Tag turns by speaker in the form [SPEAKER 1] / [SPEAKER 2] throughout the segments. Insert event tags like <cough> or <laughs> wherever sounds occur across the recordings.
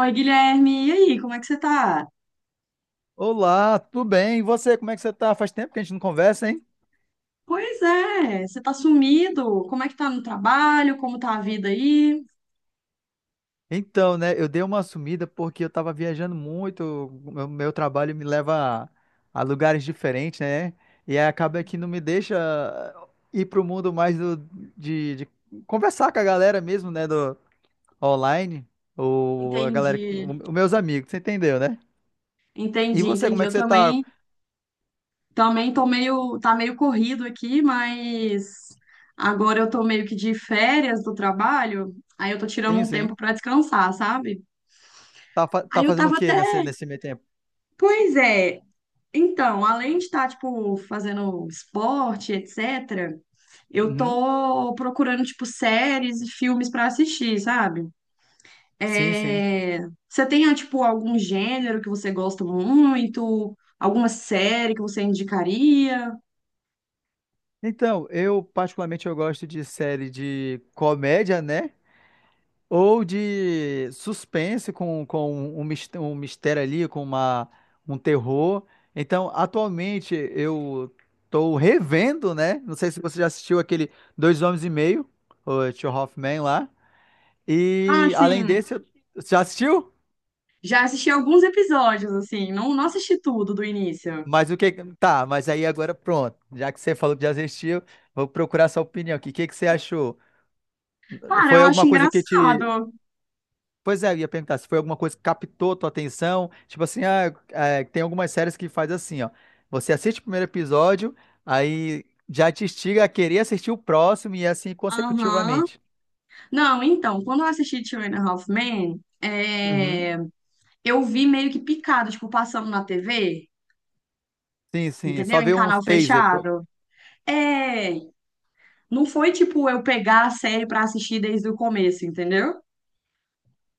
[SPEAKER 1] Oi, Guilherme, e aí, como é que você tá?
[SPEAKER 2] Olá, tudo bem? E você, como é que você tá? Faz tempo que a gente não conversa, hein?
[SPEAKER 1] Pois é, você tá sumido. Como é que tá no trabalho? Como tá a vida aí?
[SPEAKER 2] Então, né, eu dei uma sumida porque eu tava viajando muito, o meu trabalho me leva a lugares diferentes, né? E aí acaba que não me deixa ir pro mundo mais de conversar com a galera mesmo, né, do online, ou a galera,
[SPEAKER 1] Entendi,
[SPEAKER 2] os meus amigos, você entendeu, né? E
[SPEAKER 1] entendi,
[SPEAKER 2] você, como
[SPEAKER 1] entendi.
[SPEAKER 2] é
[SPEAKER 1] Eu
[SPEAKER 2] que você tá?
[SPEAKER 1] também, também tá meio corrido aqui, mas agora eu tô meio que de férias do trabalho, aí eu tô tirando
[SPEAKER 2] Sim,
[SPEAKER 1] um
[SPEAKER 2] sim.
[SPEAKER 1] tempo pra descansar, sabe?
[SPEAKER 2] Tá,
[SPEAKER 1] Aí
[SPEAKER 2] tá
[SPEAKER 1] eu
[SPEAKER 2] fazendo o
[SPEAKER 1] tava até,
[SPEAKER 2] quê nesse meio tempo?
[SPEAKER 1] pois é, então, além de estar, tipo, fazendo esporte, etc., eu
[SPEAKER 2] Uhum.
[SPEAKER 1] tô procurando, tipo, séries e filmes pra assistir, sabe?
[SPEAKER 2] Sim, sim.
[SPEAKER 1] É, Você tem, tipo, algum gênero que você gosta muito? Alguma série que você indicaria?
[SPEAKER 2] Então, eu particularmente eu gosto de série de comédia, né? Ou de suspense com um mistério ali, com um terror. Então, atualmente eu tô revendo, né? Não sei se você já assistiu aquele Dois Homens e Meio, o Two Half Men lá.
[SPEAKER 1] Ah,
[SPEAKER 2] E além
[SPEAKER 1] sim,
[SPEAKER 2] desse, você já assistiu?
[SPEAKER 1] já assisti alguns episódios, assim, não, não assisti tudo do início.
[SPEAKER 2] Mas o que. Tá, mas aí agora pronto. Já que você falou que já assistiu, vou procurar sua opinião aqui. O que que você achou?
[SPEAKER 1] Cara, eu
[SPEAKER 2] Foi
[SPEAKER 1] acho
[SPEAKER 2] alguma coisa que te.
[SPEAKER 1] engraçado.
[SPEAKER 2] Pois é, eu ia perguntar se foi alguma coisa que captou tua atenção. Tipo assim, é, tem algumas séries que faz assim, ó. Você assiste o primeiro episódio, aí já te instiga a querer assistir o próximo e assim
[SPEAKER 1] Aham.
[SPEAKER 2] consecutivamente.
[SPEAKER 1] Não, então, quando eu assisti Two and a Half Men,
[SPEAKER 2] Uhum.
[SPEAKER 1] eu vi meio que picado, tipo, passando na TV,
[SPEAKER 2] Sim, sim.
[SPEAKER 1] entendeu?
[SPEAKER 2] Só
[SPEAKER 1] Em
[SPEAKER 2] vê uns
[SPEAKER 1] canal
[SPEAKER 2] taser.
[SPEAKER 1] fechado. É, não foi tipo eu pegar a série pra assistir desde o começo, entendeu?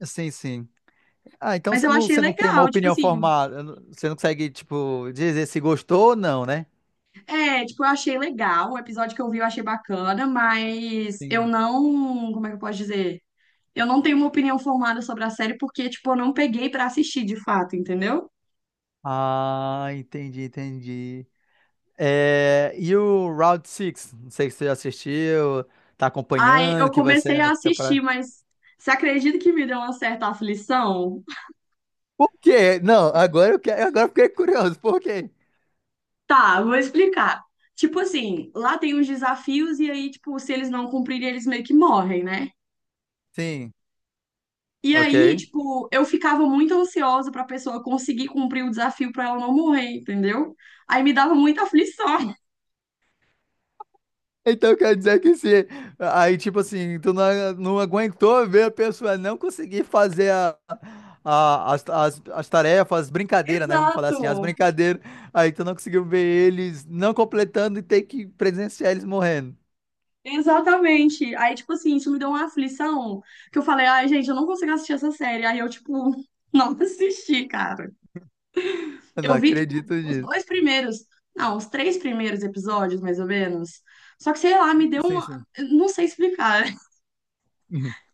[SPEAKER 2] Sim, sim. Ah, então
[SPEAKER 1] Mas
[SPEAKER 2] você
[SPEAKER 1] eu
[SPEAKER 2] não,
[SPEAKER 1] achei
[SPEAKER 2] você não tem uma
[SPEAKER 1] legal, tipo
[SPEAKER 2] opinião
[SPEAKER 1] assim,
[SPEAKER 2] formada. Você não consegue, tipo, dizer se gostou ou não, né?
[SPEAKER 1] é, tipo, eu achei legal, o episódio que eu vi eu achei bacana, mas eu
[SPEAKER 2] Sim.
[SPEAKER 1] não, como é que eu posso dizer? Eu não tenho uma opinião formada sobre a série porque, tipo, eu não peguei pra assistir de fato, entendeu?
[SPEAKER 2] Ah, entendi, entendi. É, e o Round Six. Não sei se você já assistiu, tá
[SPEAKER 1] Aí
[SPEAKER 2] acompanhando,
[SPEAKER 1] eu
[SPEAKER 2] que vai
[SPEAKER 1] comecei
[SPEAKER 2] sair
[SPEAKER 1] a
[SPEAKER 2] na
[SPEAKER 1] assistir,
[SPEAKER 2] temporada.
[SPEAKER 1] mas você acredita que me deu uma certa aflição?
[SPEAKER 2] Por quê? Não, agora eu quero, agora eu fiquei curioso. Por quê?
[SPEAKER 1] Tá, vou explicar. Tipo assim, lá tem uns desafios e aí, tipo, se eles não cumprirem, eles meio que morrem, né?
[SPEAKER 2] Sim,
[SPEAKER 1] E aí,
[SPEAKER 2] ok.
[SPEAKER 1] tipo, eu ficava muito ansiosa pra pessoa conseguir cumprir o desafio pra ela não morrer, entendeu? Aí me dava muita aflição.
[SPEAKER 2] Então quer dizer que se aí tipo assim, tu não aguentou ver a pessoa não conseguir fazer as tarefas, as
[SPEAKER 1] <laughs>
[SPEAKER 2] brincadeiras, né? Vamos falar assim, as
[SPEAKER 1] Exato,
[SPEAKER 2] brincadeiras. Aí tu não conseguiu ver eles não completando e ter que presenciar eles morrendo.
[SPEAKER 1] exatamente. Aí, tipo assim, isso me deu uma aflição que eu falei, ai, gente, eu não consigo assistir essa série. Aí eu, tipo, <laughs> não assisti, cara.
[SPEAKER 2] Eu não
[SPEAKER 1] Eu vi, tipo,
[SPEAKER 2] acredito
[SPEAKER 1] os
[SPEAKER 2] nisso.
[SPEAKER 1] dois primeiros, não, os três primeiros episódios, mais ou menos. Só que, sei lá, me deu
[SPEAKER 2] Sim,
[SPEAKER 1] uma.
[SPEAKER 2] sim.
[SPEAKER 1] Eu não sei explicar. <laughs>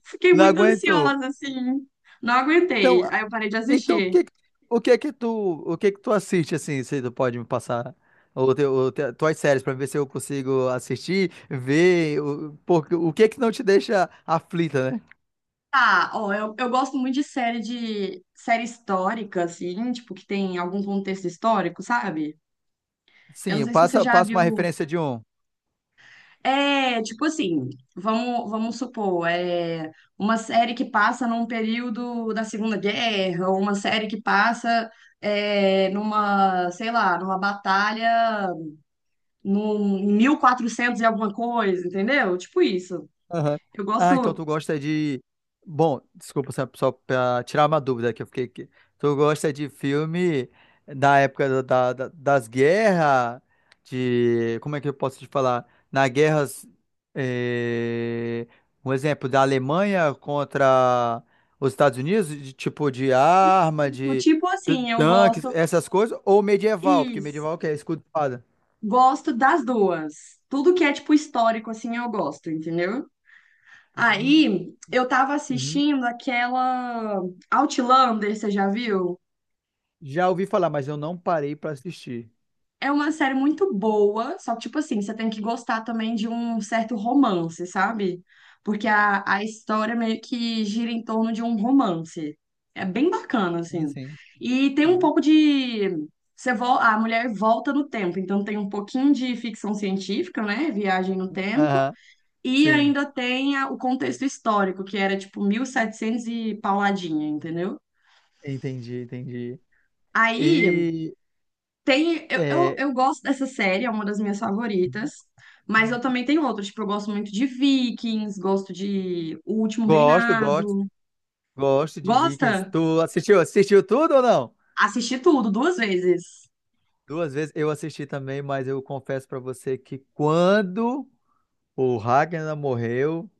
[SPEAKER 1] Fiquei
[SPEAKER 2] Não
[SPEAKER 1] muito
[SPEAKER 2] aguentou.
[SPEAKER 1] ansiosa, assim. Não aguentei.
[SPEAKER 2] Então,
[SPEAKER 1] Aí eu parei de
[SPEAKER 2] então
[SPEAKER 1] assistir.
[SPEAKER 2] o que é que tu, o que é que tu assiste assim, se tu pode me passar ou tuas séries pra ver se eu consigo assistir, ver o, porque o que é que não te deixa aflita, né?
[SPEAKER 1] Ah, ó, eu gosto muito de série histórica, assim, tipo, que tem algum contexto histórico, sabe? Eu não
[SPEAKER 2] Sim,
[SPEAKER 1] sei se você
[SPEAKER 2] passa,
[SPEAKER 1] já
[SPEAKER 2] passa
[SPEAKER 1] viu.
[SPEAKER 2] uma referência de um.
[SPEAKER 1] É, tipo assim, vamos supor, é uma série que passa num período da Segunda Guerra, ou uma série que passa é, numa, sei lá, numa batalha num, em 1400 e alguma coisa, entendeu? Tipo isso.
[SPEAKER 2] Aham.
[SPEAKER 1] Eu
[SPEAKER 2] Ah, então tu
[SPEAKER 1] gosto,
[SPEAKER 2] gosta de. Bom, desculpa, só pra tirar uma dúvida que eu fiquei aqui. Tu gosta de filme da época da, das guerras, de. Como é que eu posso te falar? Na guerras. eh, Um exemplo, da Alemanha contra os Estados Unidos, de tipo de arma, de
[SPEAKER 1] tipo
[SPEAKER 2] t-
[SPEAKER 1] assim, eu
[SPEAKER 2] tanques,
[SPEAKER 1] gosto,
[SPEAKER 2] essas coisas, ou medieval, porque
[SPEAKER 1] isso,
[SPEAKER 2] medieval o que é escudo e espada.
[SPEAKER 1] gosto das duas. Tudo que é, tipo, histórico, assim, eu gosto, entendeu?
[SPEAKER 2] Uhum.
[SPEAKER 1] Aí eu tava
[SPEAKER 2] Uhum.
[SPEAKER 1] assistindo aquela Outlander, você já viu?
[SPEAKER 2] Já ouvi falar, mas eu não parei pra assistir.
[SPEAKER 1] É uma série muito boa, só que, tipo assim, você tem que gostar também de um certo romance, sabe? Porque a história meio que gira em torno de um romance. É bem bacana,
[SPEAKER 2] Sim,
[SPEAKER 1] assim.
[SPEAKER 2] sim.
[SPEAKER 1] E tem um
[SPEAKER 2] Sim.
[SPEAKER 1] pouco de. Você vo... A mulher volta no tempo, então tem um pouquinho de ficção científica, né? Viagem no tempo.
[SPEAKER 2] Aham.
[SPEAKER 1] E
[SPEAKER 2] Sim.
[SPEAKER 1] ainda tem a- o contexto histórico, que era tipo 1700 e pauladinha, entendeu?
[SPEAKER 2] Entendi, entendi.
[SPEAKER 1] Aí
[SPEAKER 2] E,
[SPEAKER 1] tem. Eu, eu,
[SPEAKER 2] é
[SPEAKER 1] eu gosto dessa série, é uma das minhas favoritas. Mas eu também tenho outras, tipo, eu gosto muito de Vikings, gosto de O Último
[SPEAKER 2] gosto, gosto,
[SPEAKER 1] Reinado.
[SPEAKER 2] gosto de Vikings.
[SPEAKER 1] Gosta?
[SPEAKER 2] Tu assistiu? Assistiu tudo ou não?
[SPEAKER 1] Assisti tudo duas vezes.
[SPEAKER 2] Duas vezes eu assisti também, mas eu confesso pra você que quando o Ragnar morreu,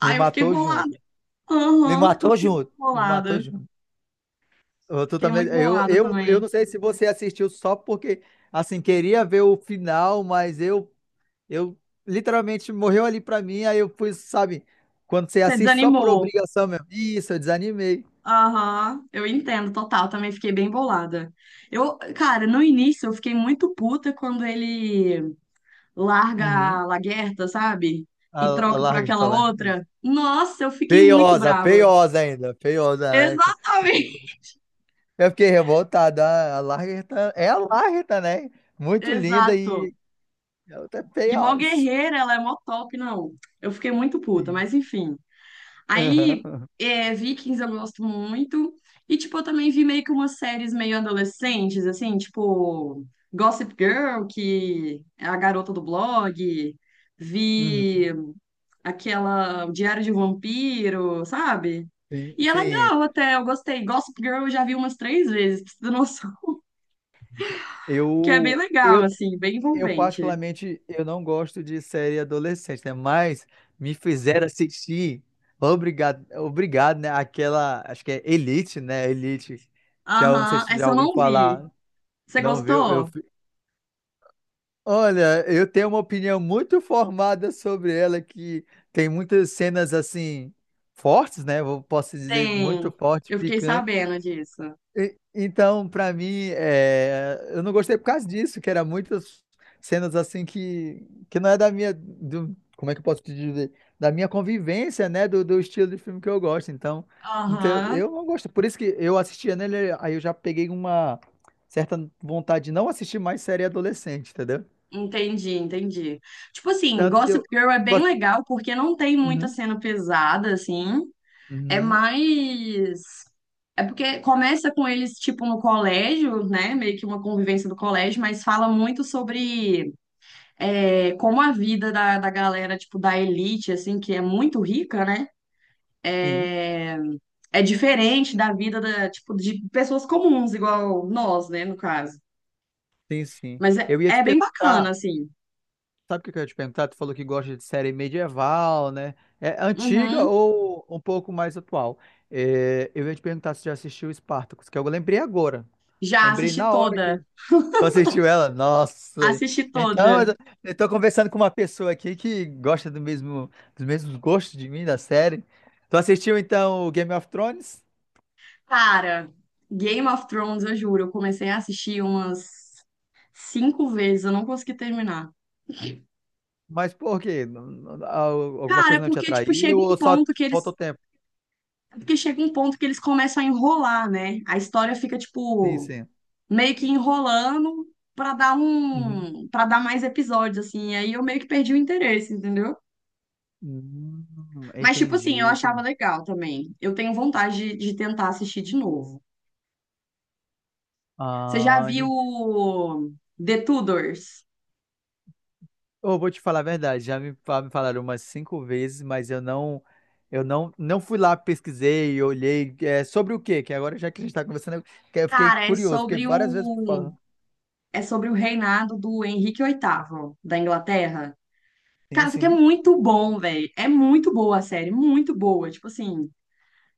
[SPEAKER 2] me
[SPEAKER 1] eu fiquei
[SPEAKER 2] matou junto.
[SPEAKER 1] bolada.
[SPEAKER 2] Me
[SPEAKER 1] Aham, eu
[SPEAKER 2] matou
[SPEAKER 1] fiquei muito
[SPEAKER 2] junto. Me matou
[SPEAKER 1] bolada.
[SPEAKER 2] junto. Eu, tu
[SPEAKER 1] Fiquei
[SPEAKER 2] também,
[SPEAKER 1] muito
[SPEAKER 2] eu,
[SPEAKER 1] bolada
[SPEAKER 2] eu, eu
[SPEAKER 1] também.
[SPEAKER 2] não sei se você assistiu só porque, assim, queria ver o final, mas eu literalmente morreu ali pra mim, aí eu fui, sabe, quando você
[SPEAKER 1] Você
[SPEAKER 2] assiste só por
[SPEAKER 1] desanimou.
[SPEAKER 2] obrigação mesmo. Isso, eu desanimei.
[SPEAKER 1] Aham, eu entendo, total. Também fiquei bem bolada. Eu, cara, no início eu fiquei muito puta quando ele larga
[SPEAKER 2] Uhum.
[SPEAKER 1] a Laguerta, sabe?
[SPEAKER 2] A,
[SPEAKER 1] E
[SPEAKER 2] a
[SPEAKER 1] troca por
[SPEAKER 2] Larga
[SPEAKER 1] aquela
[SPEAKER 2] está lá. Isso.
[SPEAKER 1] outra. Nossa, eu fiquei muito
[SPEAKER 2] Feiosa,
[SPEAKER 1] brava.
[SPEAKER 2] feiosa ainda, feiosa, né?
[SPEAKER 1] Exatamente.
[SPEAKER 2] Eu fiquei revoltado. A Lagertha é a Lagertha, né?
[SPEAKER 1] <laughs>
[SPEAKER 2] Muito linda
[SPEAKER 1] Exato.
[SPEAKER 2] e ela tá
[SPEAKER 1] E mó
[SPEAKER 2] feiosa.
[SPEAKER 1] guerreira, ela é mó top, não. Eu fiquei muito puta,
[SPEAKER 2] Sim.
[SPEAKER 1] mas enfim.
[SPEAKER 2] <laughs> Aham,
[SPEAKER 1] Aí,
[SPEAKER 2] aham.
[SPEAKER 1] é, Vikings eu gosto muito. E, tipo, eu também vi meio que umas séries meio adolescentes, assim, tipo Gossip Girl, que é a garota do blog.
[SPEAKER 2] Uhum.
[SPEAKER 1] Vi aquela o Diário de um Vampiro, sabe?
[SPEAKER 2] Sim,
[SPEAKER 1] E é
[SPEAKER 2] sim.
[SPEAKER 1] legal até, eu gostei. Gossip Girl eu já vi umas três vezes, pra você ter noção. <laughs> Que é bem
[SPEAKER 2] Eu,
[SPEAKER 1] legal,
[SPEAKER 2] eu
[SPEAKER 1] assim, bem
[SPEAKER 2] Eu,
[SPEAKER 1] envolvente.
[SPEAKER 2] particularmente, eu não gosto de série adolescente, né? Mas me fizeram assistir, obrigado, né? Aquela, acho que é Elite, né? Elite. Já, não sei
[SPEAKER 1] Aham,
[SPEAKER 2] se você já
[SPEAKER 1] essa eu
[SPEAKER 2] ouviu
[SPEAKER 1] não vi.
[SPEAKER 2] falar,
[SPEAKER 1] Você
[SPEAKER 2] não viu? Eu,
[SPEAKER 1] gostou?
[SPEAKER 2] fi- olha, eu tenho uma opinião muito formada sobre ela, que tem muitas cenas, assim, fortes, né? Eu posso dizer, muito
[SPEAKER 1] Tem.
[SPEAKER 2] fortes,
[SPEAKER 1] Eu fiquei sabendo disso.
[SPEAKER 2] então, pra mim, é, eu não gostei por causa disso, que era muitas cenas assim que não é da minha, do, como é que eu posso te dizer, da minha convivência, né, do estilo de filme que eu gosto. Então,
[SPEAKER 1] Aham.
[SPEAKER 2] eu não gosto. Por isso que eu assistia nele, aí eu já peguei uma certa vontade de não assistir mais série adolescente, entendeu?
[SPEAKER 1] Entendi, entendi. Tipo assim,
[SPEAKER 2] Tanto que
[SPEAKER 1] Gossip
[SPEAKER 2] eu.
[SPEAKER 1] Girl é bem legal porque não tem muita
[SPEAKER 2] Uhum,
[SPEAKER 1] cena pesada, assim. É
[SPEAKER 2] uhum,
[SPEAKER 1] mais. É porque começa com eles, tipo, no colégio, né? Meio que uma convivência do colégio, mas fala muito sobre é, como a vida da galera, tipo, da elite, assim, que é muito rica, né?
[SPEAKER 2] sim,
[SPEAKER 1] É, é diferente da vida da, tipo, de pessoas comuns, igual nós, né, no caso.
[SPEAKER 2] sim, sim.
[SPEAKER 1] Mas é,
[SPEAKER 2] Eu ia te
[SPEAKER 1] é bem bacana,
[SPEAKER 2] perguntar.
[SPEAKER 1] assim.
[SPEAKER 2] Sabe o que que eu ia te perguntar? Tu falou que gosta de série medieval, né? É antiga
[SPEAKER 1] Uhum.
[SPEAKER 2] ou um pouco mais atual? É, eu ia te perguntar se já assistiu Spartacus, que eu lembrei agora.
[SPEAKER 1] Já
[SPEAKER 2] Lembrei
[SPEAKER 1] assisti
[SPEAKER 2] na hora que
[SPEAKER 1] toda.
[SPEAKER 2] tu assistiu ela. Nossa!
[SPEAKER 1] Assisti
[SPEAKER 2] Então,
[SPEAKER 1] toda.
[SPEAKER 2] eu tô conversando com uma pessoa aqui que gosta do mesmo, dos mesmos gostos de mim, da série. Tu assistiu, então, o Game of Thrones?
[SPEAKER 1] Cara, Game of Thrones, eu juro, eu comecei a assistir umas cinco vezes, eu não consegui terminar.
[SPEAKER 2] Mas por quê? Alguma
[SPEAKER 1] Cara, é
[SPEAKER 2] coisa não te
[SPEAKER 1] porque, tipo,
[SPEAKER 2] atraiu
[SPEAKER 1] chega um
[SPEAKER 2] ou só
[SPEAKER 1] ponto que eles.
[SPEAKER 2] faltou tempo?
[SPEAKER 1] É porque chega um ponto que eles começam a enrolar, né? A história fica,
[SPEAKER 2] Sim,
[SPEAKER 1] tipo,
[SPEAKER 2] sim.
[SPEAKER 1] meio que enrolando pra dar
[SPEAKER 2] Uhum.
[SPEAKER 1] um. Pra dar mais episódios, assim. E aí eu meio que perdi o interesse, entendeu?
[SPEAKER 2] Hum,
[SPEAKER 1] Mas, tipo
[SPEAKER 2] entendi,
[SPEAKER 1] assim, eu achava
[SPEAKER 2] entendi.
[SPEAKER 1] legal também. Eu tenho vontade de tentar assistir de novo. Você já
[SPEAKER 2] Ah,
[SPEAKER 1] viu The Tudors?
[SPEAKER 2] eu vou te falar a verdade, já me falaram umas cinco vezes, mas eu não fui lá, pesquisei, olhei, sobre o quê? Que agora já que a gente está conversando, que eu fiquei
[SPEAKER 1] Cara,
[SPEAKER 2] curioso, porque várias vezes falando.
[SPEAKER 1] é sobre o reinado do Henrique VIII da Inglaterra.
[SPEAKER 2] Sim,
[SPEAKER 1] Cara, isso aqui é
[SPEAKER 2] sim.
[SPEAKER 1] muito bom, velho. É muito boa a série, muito boa. Tipo assim,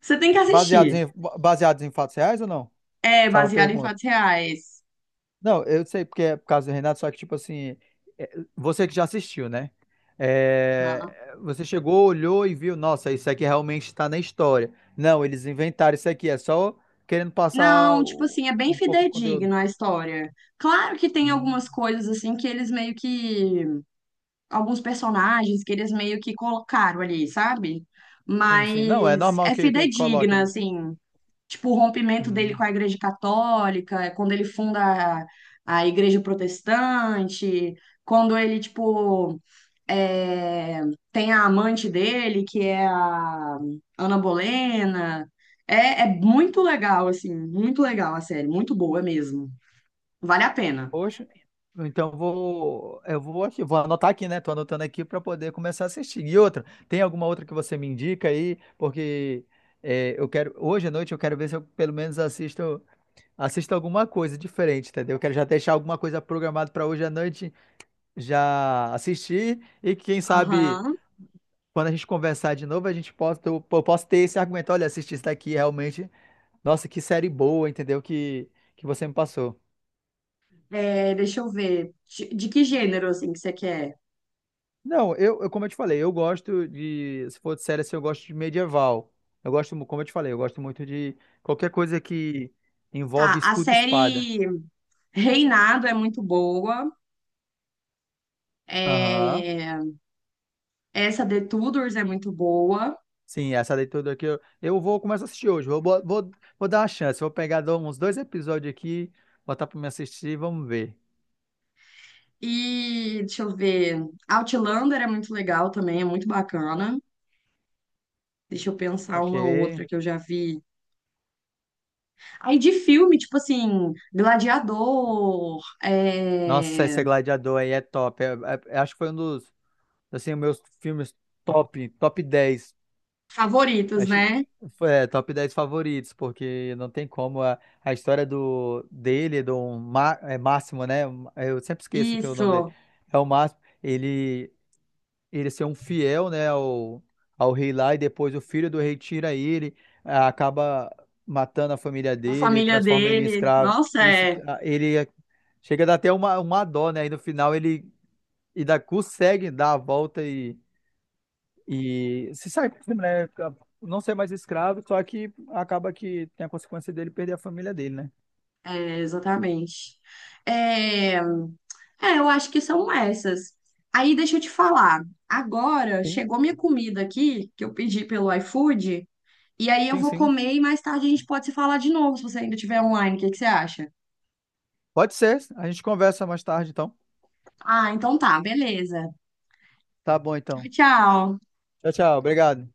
[SPEAKER 1] você tem que
[SPEAKER 2] Baseados
[SPEAKER 1] assistir.
[SPEAKER 2] em, baseados em fatos reais ou não?
[SPEAKER 1] É
[SPEAKER 2] Só uma
[SPEAKER 1] baseado em
[SPEAKER 2] pergunta.
[SPEAKER 1] fatos reais.
[SPEAKER 2] Não, eu sei porque é por causa do Renato, só que, tipo assim, é, você que já assistiu, né?
[SPEAKER 1] Aham.
[SPEAKER 2] É, você chegou, olhou e viu, nossa, isso aqui realmente está na história. Não, eles inventaram isso aqui, é só querendo passar
[SPEAKER 1] Não, tipo assim, é bem
[SPEAKER 2] um pouco do conteúdo.
[SPEAKER 1] fidedigno a história. Claro que tem
[SPEAKER 2] Hum,
[SPEAKER 1] algumas coisas assim que eles meio que alguns personagens que eles meio que colocaram ali, sabe?
[SPEAKER 2] sim, sim. Não, é
[SPEAKER 1] Mas
[SPEAKER 2] normal
[SPEAKER 1] é
[SPEAKER 2] que coloque
[SPEAKER 1] fidedigna,
[SPEAKER 2] um.
[SPEAKER 1] assim. Tipo, o rompimento dele com
[SPEAKER 2] Hum,
[SPEAKER 1] a Igreja Católica, é quando ele funda a, a Igreja Protestante, quando ele, tipo, é, tem a amante dele, que é a Ana Bolena. É, é muito legal, assim, muito legal a série, muito boa mesmo. Vale a pena.
[SPEAKER 2] poxa, então vou. Eu vou aqui, vou anotar aqui, né? Tô anotando aqui para poder começar a assistir. E outra, tem alguma outra que você me indica aí? Porque. Eu quero, hoje à noite eu quero ver se eu pelo menos assisto assista alguma coisa diferente, entendeu? Eu quero já deixar alguma coisa programada para hoje à noite já assistir e quem sabe
[SPEAKER 1] Aham.
[SPEAKER 2] quando a gente conversar de novo a gente possa eu posso ter esse argumento, olha, assisti isso daqui realmente, nossa, que série boa, entendeu? Que você me passou.
[SPEAKER 1] É, deixa eu ver. De que gênero, assim, que você quer?
[SPEAKER 2] Não, eu como eu te falei, eu gosto de, se for de série assim, eu gosto de medieval. Eu gosto, como eu te falei, eu gosto muito de qualquer coisa que envolve
[SPEAKER 1] Tá, a
[SPEAKER 2] escudo e espada.
[SPEAKER 1] série Reinado é muito boa.
[SPEAKER 2] Aham.
[SPEAKER 1] É, essa The Tudors é muito boa.
[SPEAKER 2] Sim, essa daí tudo aqui eu vou começar a assistir hoje. Vou dar uma chance. Vou pegar dou uns dois episódios aqui, botar pra me assistir e vamos ver.
[SPEAKER 1] E deixa eu ver. Outlander é muito legal também, é muito bacana. Deixa eu pensar
[SPEAKER 2] Ok.
[SPEAKER 1] uma outra que eu já vi. Aí de filme, tipo assim, Gladiador,
[SPEAKER 2] Nossa,
[SPEAKER 1] é...
[SPEAKER 2] esse Gladiador aí é top. Acho que foi um dos, assim, meus filmes top dez.
[SPEAKER 1] Favoritos,
[SPEAKER 2] Acho,
[SPEAKER 1] né?
[SPEAKER 2] foi, top 10 favoritos, porque não tem como. A história do Máximo, né? Eu sempre esqueço que é o nome dele.
[SPEAKER 1] Isso.
[SPEAKER 2] É o Máximo. Ele. Ele ser um fiel, né, ao rei lá, e depois o filho do rei tira ele, acaba matando a família
[SPEAKER 1] A
[SPEAKER 2] dele,
[SPEAKER 1] família
[SPEAKER 2] transforma ele em
[SPEAKER 1] dele.
[SPEAKER 2] escravo.
[SPEAKER 1] Nossa,
[SPEAKER 2] Isso,
[SPEAKER 1] é,
[SPEAKER 2] chega a dar até uma dó, né? E no final ele consegue dar a volta e se sai, por cima, né? Não ser mais escravo, só que acaba que tem a consequência dele perder a família dele, né?
[SPEAKER 1] é exatamente. É... é, eu acho que são essas. Aí deixa eu te falar. Agora
[SPEAKER 2] Sim,
[SPEAKER 1] chegou minha comida aqui, que eu pedi pelo iFood. E aí eu
[SPEAKER 2] sim,
[SPEAKER 1] vou
[SPEAKER 2] sim.
[SPEAKER 1] comer e mais tarde a gente pode se falar de novo, se você ainda estiver online. O que que você acha?
[SPEAKER 2] Pode ser. A gente conversa mais tarde, então.
[SPEAKER 1] Ah, então tá, beleza.
[SPEAKER 2] Tá bom, então.
[SPEAKER 1] Tchau.
[SPEAKER 2] Tchau, tchau. Obrigado.